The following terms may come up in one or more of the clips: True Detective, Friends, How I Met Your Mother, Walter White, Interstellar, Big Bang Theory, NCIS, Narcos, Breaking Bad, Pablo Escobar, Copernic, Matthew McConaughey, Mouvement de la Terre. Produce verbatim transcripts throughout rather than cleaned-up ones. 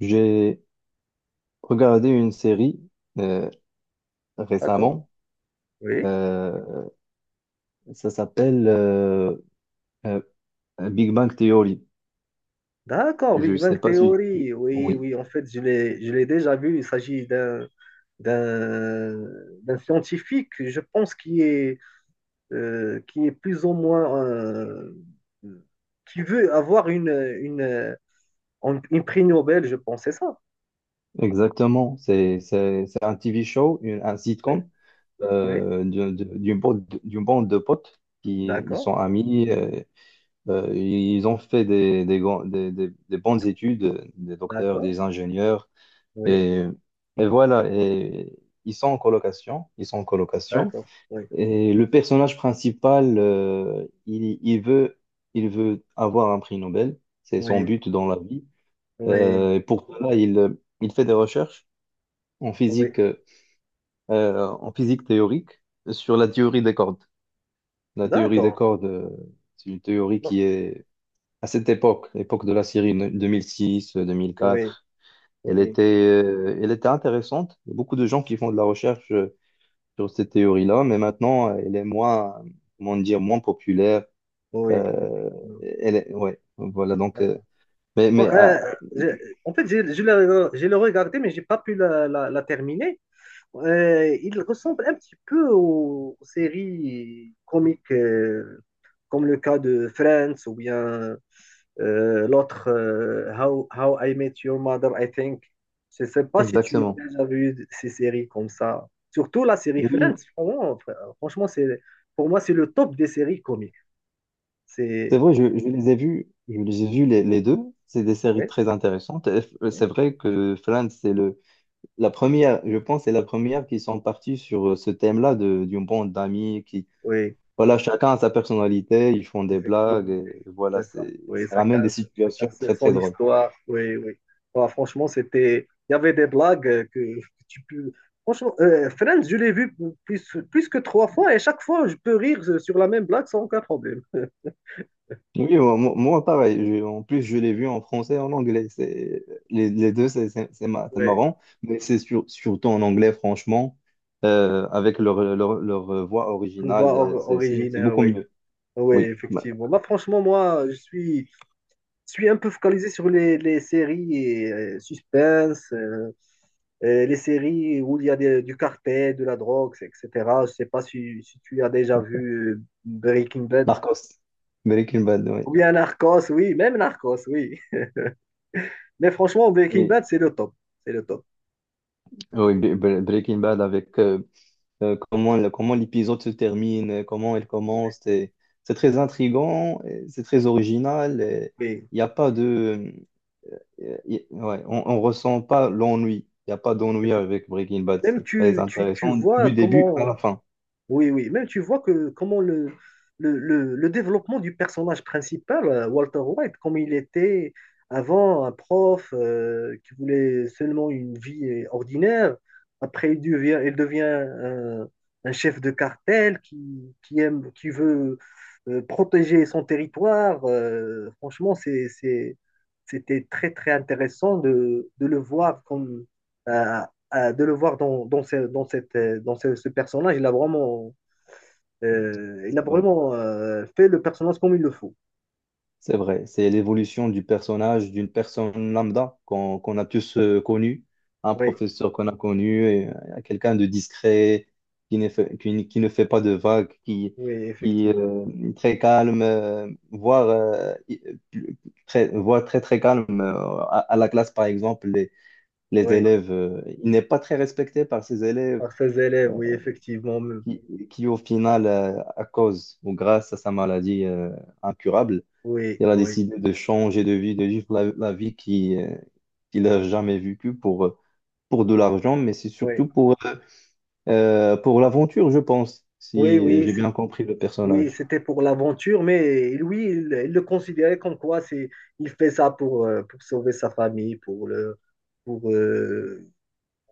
J'ai regardé une série euh, D'accord. récemment. Oui. Euh, Ça s'appelle euh, euh, Big Bang Theory. D'accord, Je Big sais Bang pas si tu... Theory. Oui, Oui, oui, en fait, je l'ai, je l'ai déjà vu. Il s'agit d'un, d'un, d'un scientifique, je pense, qui est, euh, qui est plus ou moins, euh, qui veut avoir une, une, une, une prix Nobel, je pense, c'est ça. exactement. C'est, c'est, c'est un T V show, une- un Oui, sitcom oui, euh, d'une d'une bande, d'une bande de potes qui ils d'accord, sont amis. Euh, euh, ils ont fait des, des, grands- des, des- des bonnes études, des docteurs, d'accord, des ingénieurs. oui, Et, et voilà. Et ils sont en colocation. Ils sont en colocation. d'accord, oui, Et le personnage principal, euh, il, il veut, il veut avoir un prix Nobel. C'est son oui, but dans la vie. oui, Euh, et pour cela, il, il fait des recherches en oui, physique, euh, en physique théorique sur la théorie des cordes. La théorie des d'accord, cordes, euh, c'est une théorie oui, qui est à cette époque, l'époque de la série deux mille six-deux mille quatre. Elle oui, était, euh, elle était intéressante. Il y a beaucoup de gens qui font de la recherche euh, sur cette théorie-là, mais maintenant, euh, elle est moins, comment dire, moins populaire. oui, Euh, elle est- ouais, voilà, donc, oui. euh, mais, Bon, mais euh, ah, je- en fait, je, je l'ai je l'ai regardé, mais j'ai pas pu la, la- la terminer. Euh, il ressemble un petit peu aux, aux séries comiques, euh, comme le cas de Friends ou bien euh, l'autre euh, How, How I Met Your Mother, I think. Je sais pas si tu as exactement. déjà vu ces séries comme ça. Surtout la série Friends, Oui, vraiment, fr- franchement, c'est, pour moi, c'est le top des séries comiques. c'est C'est, vrai, je, je les ai vus, je les ai vus les, les deux. C'est des séries oui, très intéressantes. Et f- euh, oui. C'est vrai que Friends, c'est le, la première, je pense, c'est la première qui sont partis sur euh, ce thème-là de, d'une bande d'amis qui, Oui. voilà, chacun a sa personnalité, ils font des blagues, Effectivement, et oui, voilà, c'est ça. c'est, Oui, ça ça ramène chacun, des situations chacun très, très son drôles. histoire. Oui, oui. Bah, franchement, c'était. Il y avait des blagues euh, que que tu peux. Franchement, euh, Friends, je l'ai vu plus, plus que trois fois et chaque fois, je peux rire sur la même blague sans aucun problème. Oui, moi, moi- moi, pareil. Je- en plus, je l'ai vu en français et en anglais. C'est, les, les deux, c'est c'est- c'est mar- c'est Oui, marrant. Mais c'est sur- surtout en anglais, franchement, euh, avec leur, leur, leur voix on voit originale, euh, or- c'est c'est- c'est originaire, beaucoup oui. mieux. Oui, Oui, Ma- effectivement. Bah, franchement, moi, je suis, je suis un peu focalisé sur les, les séries et euh, suspense. euh, Euh, les séries où il y a des- du cartel, de la drogue, et cetera. Je sais pas si, si tu as déjà vu euh, Breaking Bad. Marcos. Breaking Bad, oui. Ou bien Narcos, oui, même Narcos, oui. Mais franchement, Breaking Oui, Bad, c'est le top. C'est le top. oui, Bre- Bre- Breaking Bad avec euh, euh, comment, le- comment l'épisode se termine, euh, comment il commence. C'est c'est très intriguant, et c'est très original. Oui. Il n'y a pas de... Euh, y- ouais, on ne ressent pas l'ennui. Il n'y a pas d'ennui avec Breaking Bad. Même C'est très tu, tu, tu intéressant vois du début comment. à la fin. Oui, oui, même tu vois que comment le, le, le- le développement du personnage principal, euh, Walter White, comme il était avant un prof euh, qui voulait seulement une vie euh, ordinaire, après il devient, il devient un, un chef de cartel qui, qui aime, qui veut euh, protéger son territoire. Euh, franchement, c'est, c'est- c'était très, très intéressant de, de le voir comme, euh, euh, de le voir dans, dans, ce, dans cette, euh, dans ce, ce personnage, il a vraiment, euh, il a C'est vrai. vraiment euh, fait le personnage comme il le faut. C'est vrai. C'est l'évolution du personnage, d'une personne lambda qu'on qu'on a tous euh, connu, un Oui, professeur qu'on a connu, et, euh, quelqu'un de discret, qui ne fait, qui, ne qui ne fait pas de vagues, qui, oui, qui effectivement. euh, est très calme, euh, voire, euh, i- plus- très, voire très très calme euh, à, à la classe, par exemple. Les Oui, élèves, euh, il n'est pas très respecté par ses élèves par ses élèves, oui, effectivement. qui, qui au final, euh, à cause ou grâce à sa maladie euh, incurable, Oui, il a oui, décidé de changer de vie, de vivre la, la vie qui, euh, qu'il n'a jamais vécue pour, euh, pour de l'argent, mais c'est oui. surtout pour, euh, euh, pour l'aventure, je pense, Oui, si oui, j'ai c'est- bien compris le oui, personnage. c'était pour l'aventure, mais lui, il, il le considérait comme quoi c'est, il fait ça pour, euh, pour sauver sa famille, pour le, pour, euh,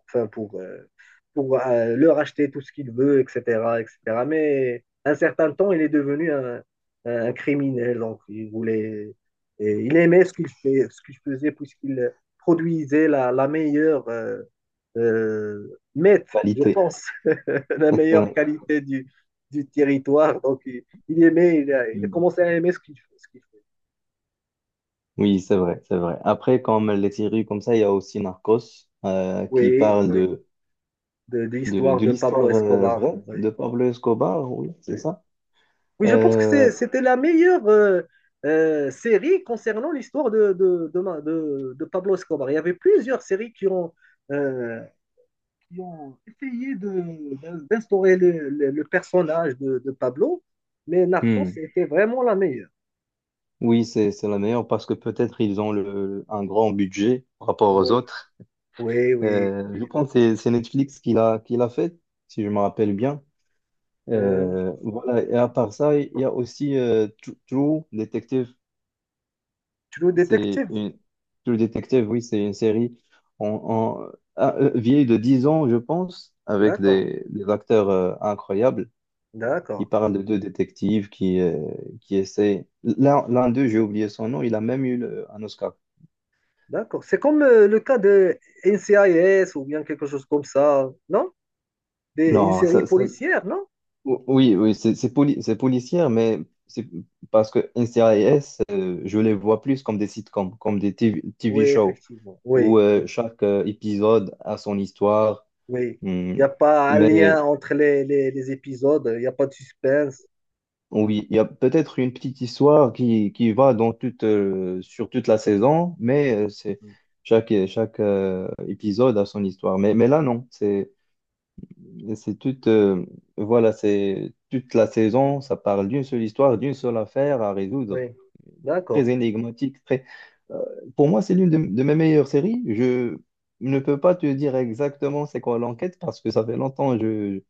enfin pour, euh, pour euh, leur acheter tout ce qu'il veut, et cetera, et cetera. Mais un certain temps, il est devenu un, un criminel. Donc, il voulait, et il aimait ce qu'il fait, ce qu'il faisait, puisqu'il produisait la, la meilleure euh, euh, meth, je Qualité. pense, la meilleure Ouais. qualité du, du territoire. Donc, il, il aimait, il a, il a commencé à aimer ce qu'il ce qu'il fait. Oui, c'est vrai, c'est vrai. Après, comme les séries comme ça, il y a aussi Narcos euh, qui Oui, parle oui, de de, de de, l'histoire de de Pablo l'histoire euh, Escobar. vraie Oui, de Pablo Escobar, oui, c'est oui. ça. Oui, je pense que Euh, c'est- c'était la meilleure euh, euh, série concernant l'histoire de, de, de, ma- de- de Pablo Escobar. Il y avait plusieurs séries qui ont, euh, qui ont essayé de- d'instaurer le, le- le personnage de, de Pablo, mais Narcos hmm, était vraiment la meilleure. Oui, c'est, c'est la meilleure parce que peut-être ils ont le, un grand budget par rapport aux Oui, autres. oui, oui. Euh, je Oui. pense que c'est c'est Netflix qui l'a qui l'a fait, si je me rappelle bien. Euh, Euh, voilà, et à part ça, il y a aussi euh, Tru- True Detective. Tu le C'est détective? une... True Detective, oui, c'est une série en, en- ah, euh, vieille de dix ans, je pense, avec D'accord, des, des acteurs euh, incroyables. Il d'accord, parle de deux détectives qui, euh, qui essaient. L'un l'un d'eux, j'ai oublié son nom, il a même eu le- un Oscar. d'accord. C'est comme euh, le cas de N C I S ou bien quelque chose comme ça, non? Des- une Non. série ça, ça- policière, non? O- oui, oui, c'est c'est poli- c'est policière, mais c'est parce que N C I S, euh, je les vois plus comme des sitcoms, comme des TV, Oui, T V shows, effectivement, oui. où Oui. euh, chaque euh, épisode a son histoire. Oui. Il Hmm. n'y a pas un Mais lien entre les, les, les épisodes, il n'y a pas de suspense. oui, il y a peut-être une petite histoire qui, qui va dans toute, euh, sur toute la saison, mais euh, c'est chaque, chaque euh, épisode a son histoire. Mais, mais là, non, c'est c'est toute, euh, voilà, c'est toute la saison, ça parle d'une seule histoire, d'une seule affaire à résoudre, Oui. très D'accord. énigmatique, très... euh, pour moi, c'est l'une de, de mes meilleures séries. Je ne peux pas te dire exactement c'est quoi l'enquête parce que ça fait longtemps que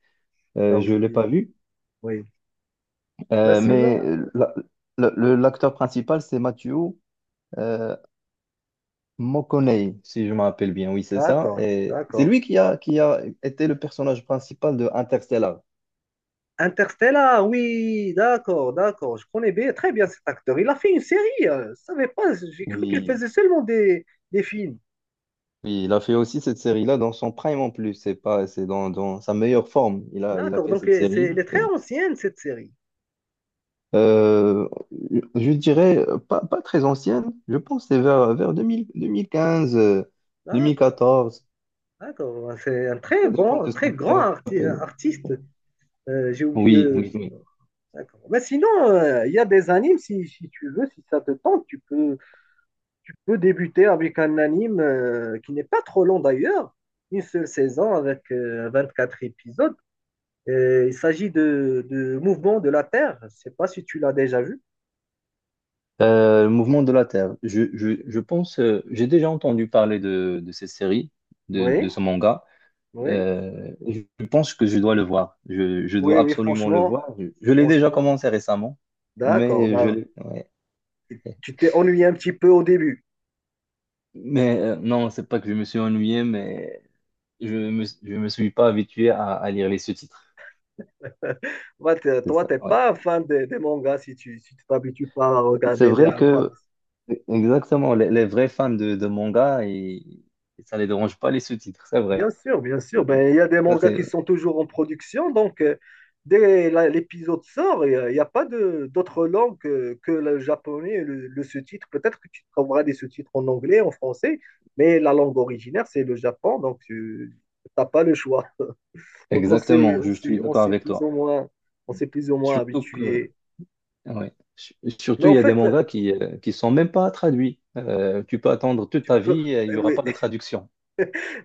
je Ah oui. ne l'ai pas vue. Oui. Là, Euh, sinon. Mais la- la- le- l'acteur principal, c'est Matthew euh, McConaughey, si je me rappelle bien. Oui, c'est ça. D'accord. Et c'est D'accord. lui qui a, qui a été le personnage principal de Interstellar. Interstellar, oui, d'accord, d'accord. Je connais bien, très bien cet acteur. Il a fait une série. euh, Je ne savais pas. J'ai cru qu'il Oui, faisait seulement des, des, films. oui, il a fait aussi cette série-là dans son prime en plus. C'est pas, c'est dans, dans sa meilleure forme. Il a, il a D'accord. fait Donc, cette euh, c'est, série. elle est très C'est- ancienne, cette série. euh, je dirais euh, pas, pas très ancienne. Je pense que c'est vers, vers deux mille, deux mille quinze, euh, deux mille D'accord. quatorze. D'accord. C'est un très Ça dépend bon, de un ce que très tu grand arti- appelles. artiste. Euh, j'ai oublié. Oui, euh, oui, oui. D'accord. Mais sinon, euh, il y a des animes, si, si tu veux, si ça te tente, tu peux, tu peux débuter avec un anime euh, qui n'est pas trop long d'ailleurs, une seule saison avec euh, vingt-quatre épisodes. Et il s'agit de, de Mouvement de la Terre. Je ne sais pas si tu l'as déjà vu. Euh, le mouvement de la Terre. Je, je, je pense, euh, j'ai déjà entendu parler de, de cette série, de, Oui, de ce manga. oui, Euh, je pense que je dois le voir. Je, je dois oui, oui, absolument le franchement, voir. Je, je l'ai déjà franchement. commencé récemment, D'accord. mais je Bah, l'ai- ouais. tu t'es ennuyé un petit peu au début. Mais euh, non, c'est pas que je me suis ennuyé, mais je me, je me suis pas habitué à, à lire les sous-titres. Toi, t'es C'est toi, ça, ouais. pas un fan des, des mangas si tu si tu t'habitues pas à C'est regarder les vrai à voir. que, exactement, les, les vrais fans de, de manga, ils- ça les dérange pas les sous-titres, c'est Bien vrai. sûr, bien Euh, sûr. Ben, il y a des Ça, mangas qui c'est. sont toujours en production, donc euh, dès la- l'épisode sort, il n'y a, il y a pas de d'autre langue que, que le japonais, et le, le sous-titre. Peut-être que tu trouveras des sous-titres en anglais, en français, mais la langue originaire, c'est le Japon, donc tu n'as pas le choix. Donc on s'est Exactement, on je s'est- suis on d'accord s'est avec plus toi. ou moins on s'est plus ou moins Surtout que, habitué. ouais. Su- Mais Surtout, il en y a des fait, là, mangas qui euh, qui sont même pas traduits. Euh, tu peux attendre toute tu ta peux, vie, euh, il y eh aura oui, pas de traduction.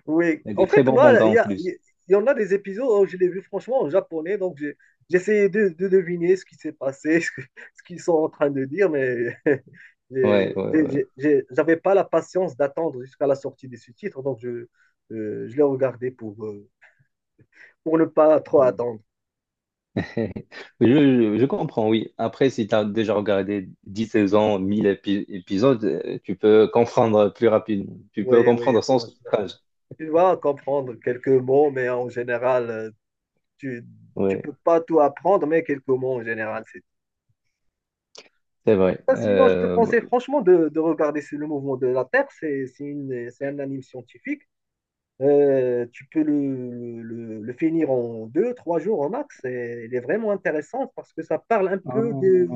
oui, Et en des très fait, bons moi, mangas il y en a- plus. il y en a des épisodes où je l'ai vu franchement en japonais, donc j'ai j'essayais de, de deviner ce qui s'est passé, ce que- ce qu'ils sont en train de dire, mais j'ai- Ouais, ouais, ouais. j'ai- j'ai- j'avais pas la patience d'attendre jusqu'à la sortie des sous-titres, donc je, euh, je l'ai regardé pour, euh, pour ne pas trop Mm. attendre. Je, je- je comprends, oui. Après, si tu as déjà regardé dix saisons, mille épi- épisodes, euh, tu peux comprendre plus rapidement. Tu peux Oui, oui, comprendre sans franchement. sous-titrage. Tu vas comprendre quelques mots, mais en général, euh, tu, tu Oui, peux pas tout apprendre, mais quelques mots en général. c'est vrai. Ben, sinon, je te Euh, bon. conseille franchement de, de regarder c'est le mouvement de la Terre. C'est c'est une- c'est un anime scientifique. Euh, tu peux le, le- le finir en deux, trois jours au max. Et il est vraiment intéressant parce que ça parle un Ah, peu de,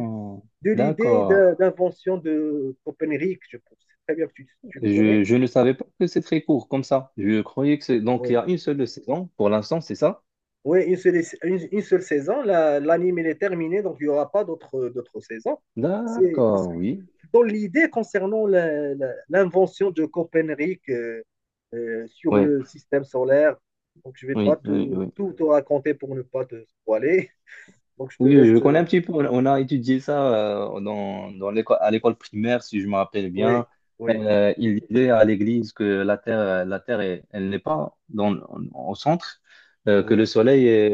de l'idée d'accord. de- d'invention de Copernic, je pense. C'est très bien que tu, tu connais. Je, je ne savais pas que c'est très court comme ça. Je croyais que c'est... Donc, il Oui, y a une seule saison pour l'instant, c'est ça? oui une seule, une, une seule saison. La- L'anime, il est terminé, donc il n'y aura pas d'autres d'autres saisons. C'est parce D'accord, que oui. dans l'idée concernant la, la, l'invention de Copernic euh, euh, sur Ouais, le système solaire. Donc, je ne vais pas oui, oui, te, oui. tout te raconter pour ne pas te spoiler. Donc, je te Oui, oui, je laisse. connais euh, un petit peu. On on a étudié ça euh, dans, dans l'école, à l'école primaire, si je me rappelle Oui, bien. oui, Euh, il disait à l'église que la Terre, euh, la Terre est- elle n'est pas dans, au centre, euh, que le oui, Soleil est,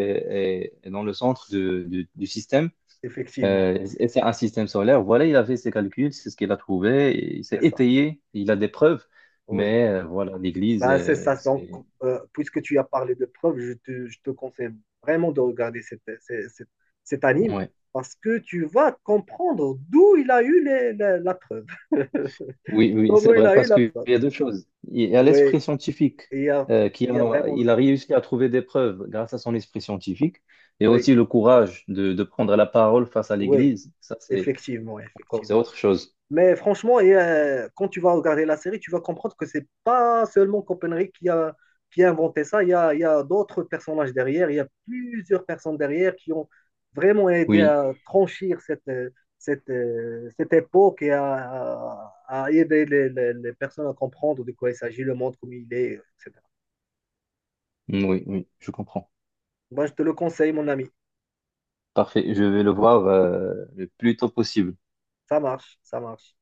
est- est dans le centre de- du du système. effectivement. Euh, et c'est Effectivement, un système solaire. Voilà, il a fait ses calculs, c'est ce qu'il a trouvé. et Il s'est c'est ça. étayé, il a des preuves. Oui. Mais euh, voilà, l'Église, Ben, c'est euh, ça. Donc, c'est... euh, puisque tu as parlé de preuves, je te, je te conseille vraiment de regarder cette, cette- cette- cet anime ouais. parce que tu vas comprendre d'où il a eu les- la, la preuve. Oui, oui, Comment c'est il vrai, a eu parce la qu'il preuve. y a deux choses. Il y a Oui. l'esprit scientifique, Il y a, euh, qui il y a a- vraiment. il a réussi à trouver des preuves grâce à son esprit scientifique, et Oui, aussi le courage de, de prendre la parole face à oui, l'Église. Ça, c'est effectivement, encore, c'est effectivement. autre chose. Mais franchement, et, euh, quand tu vas regarder la série, tu vas comprendre que c'est pas seulement Copenhague qui a, qui a inventé ça. Il y a, il y a d'autres personnages derrière. Il y a plusieurs personnes derrière qui ont vraiment aidé Oui, à franchir cette, euh, cette, euh, cette époque et à, à aider les, les- les personnes à comprendre de quoi il s'agit, le monde comme il est, et cetera. oui, oui, je comprends. Moi, je te le conseille, mon ami. Parfait, je vais le voir euh, le plus tôt possible. Ça marche, ça marche.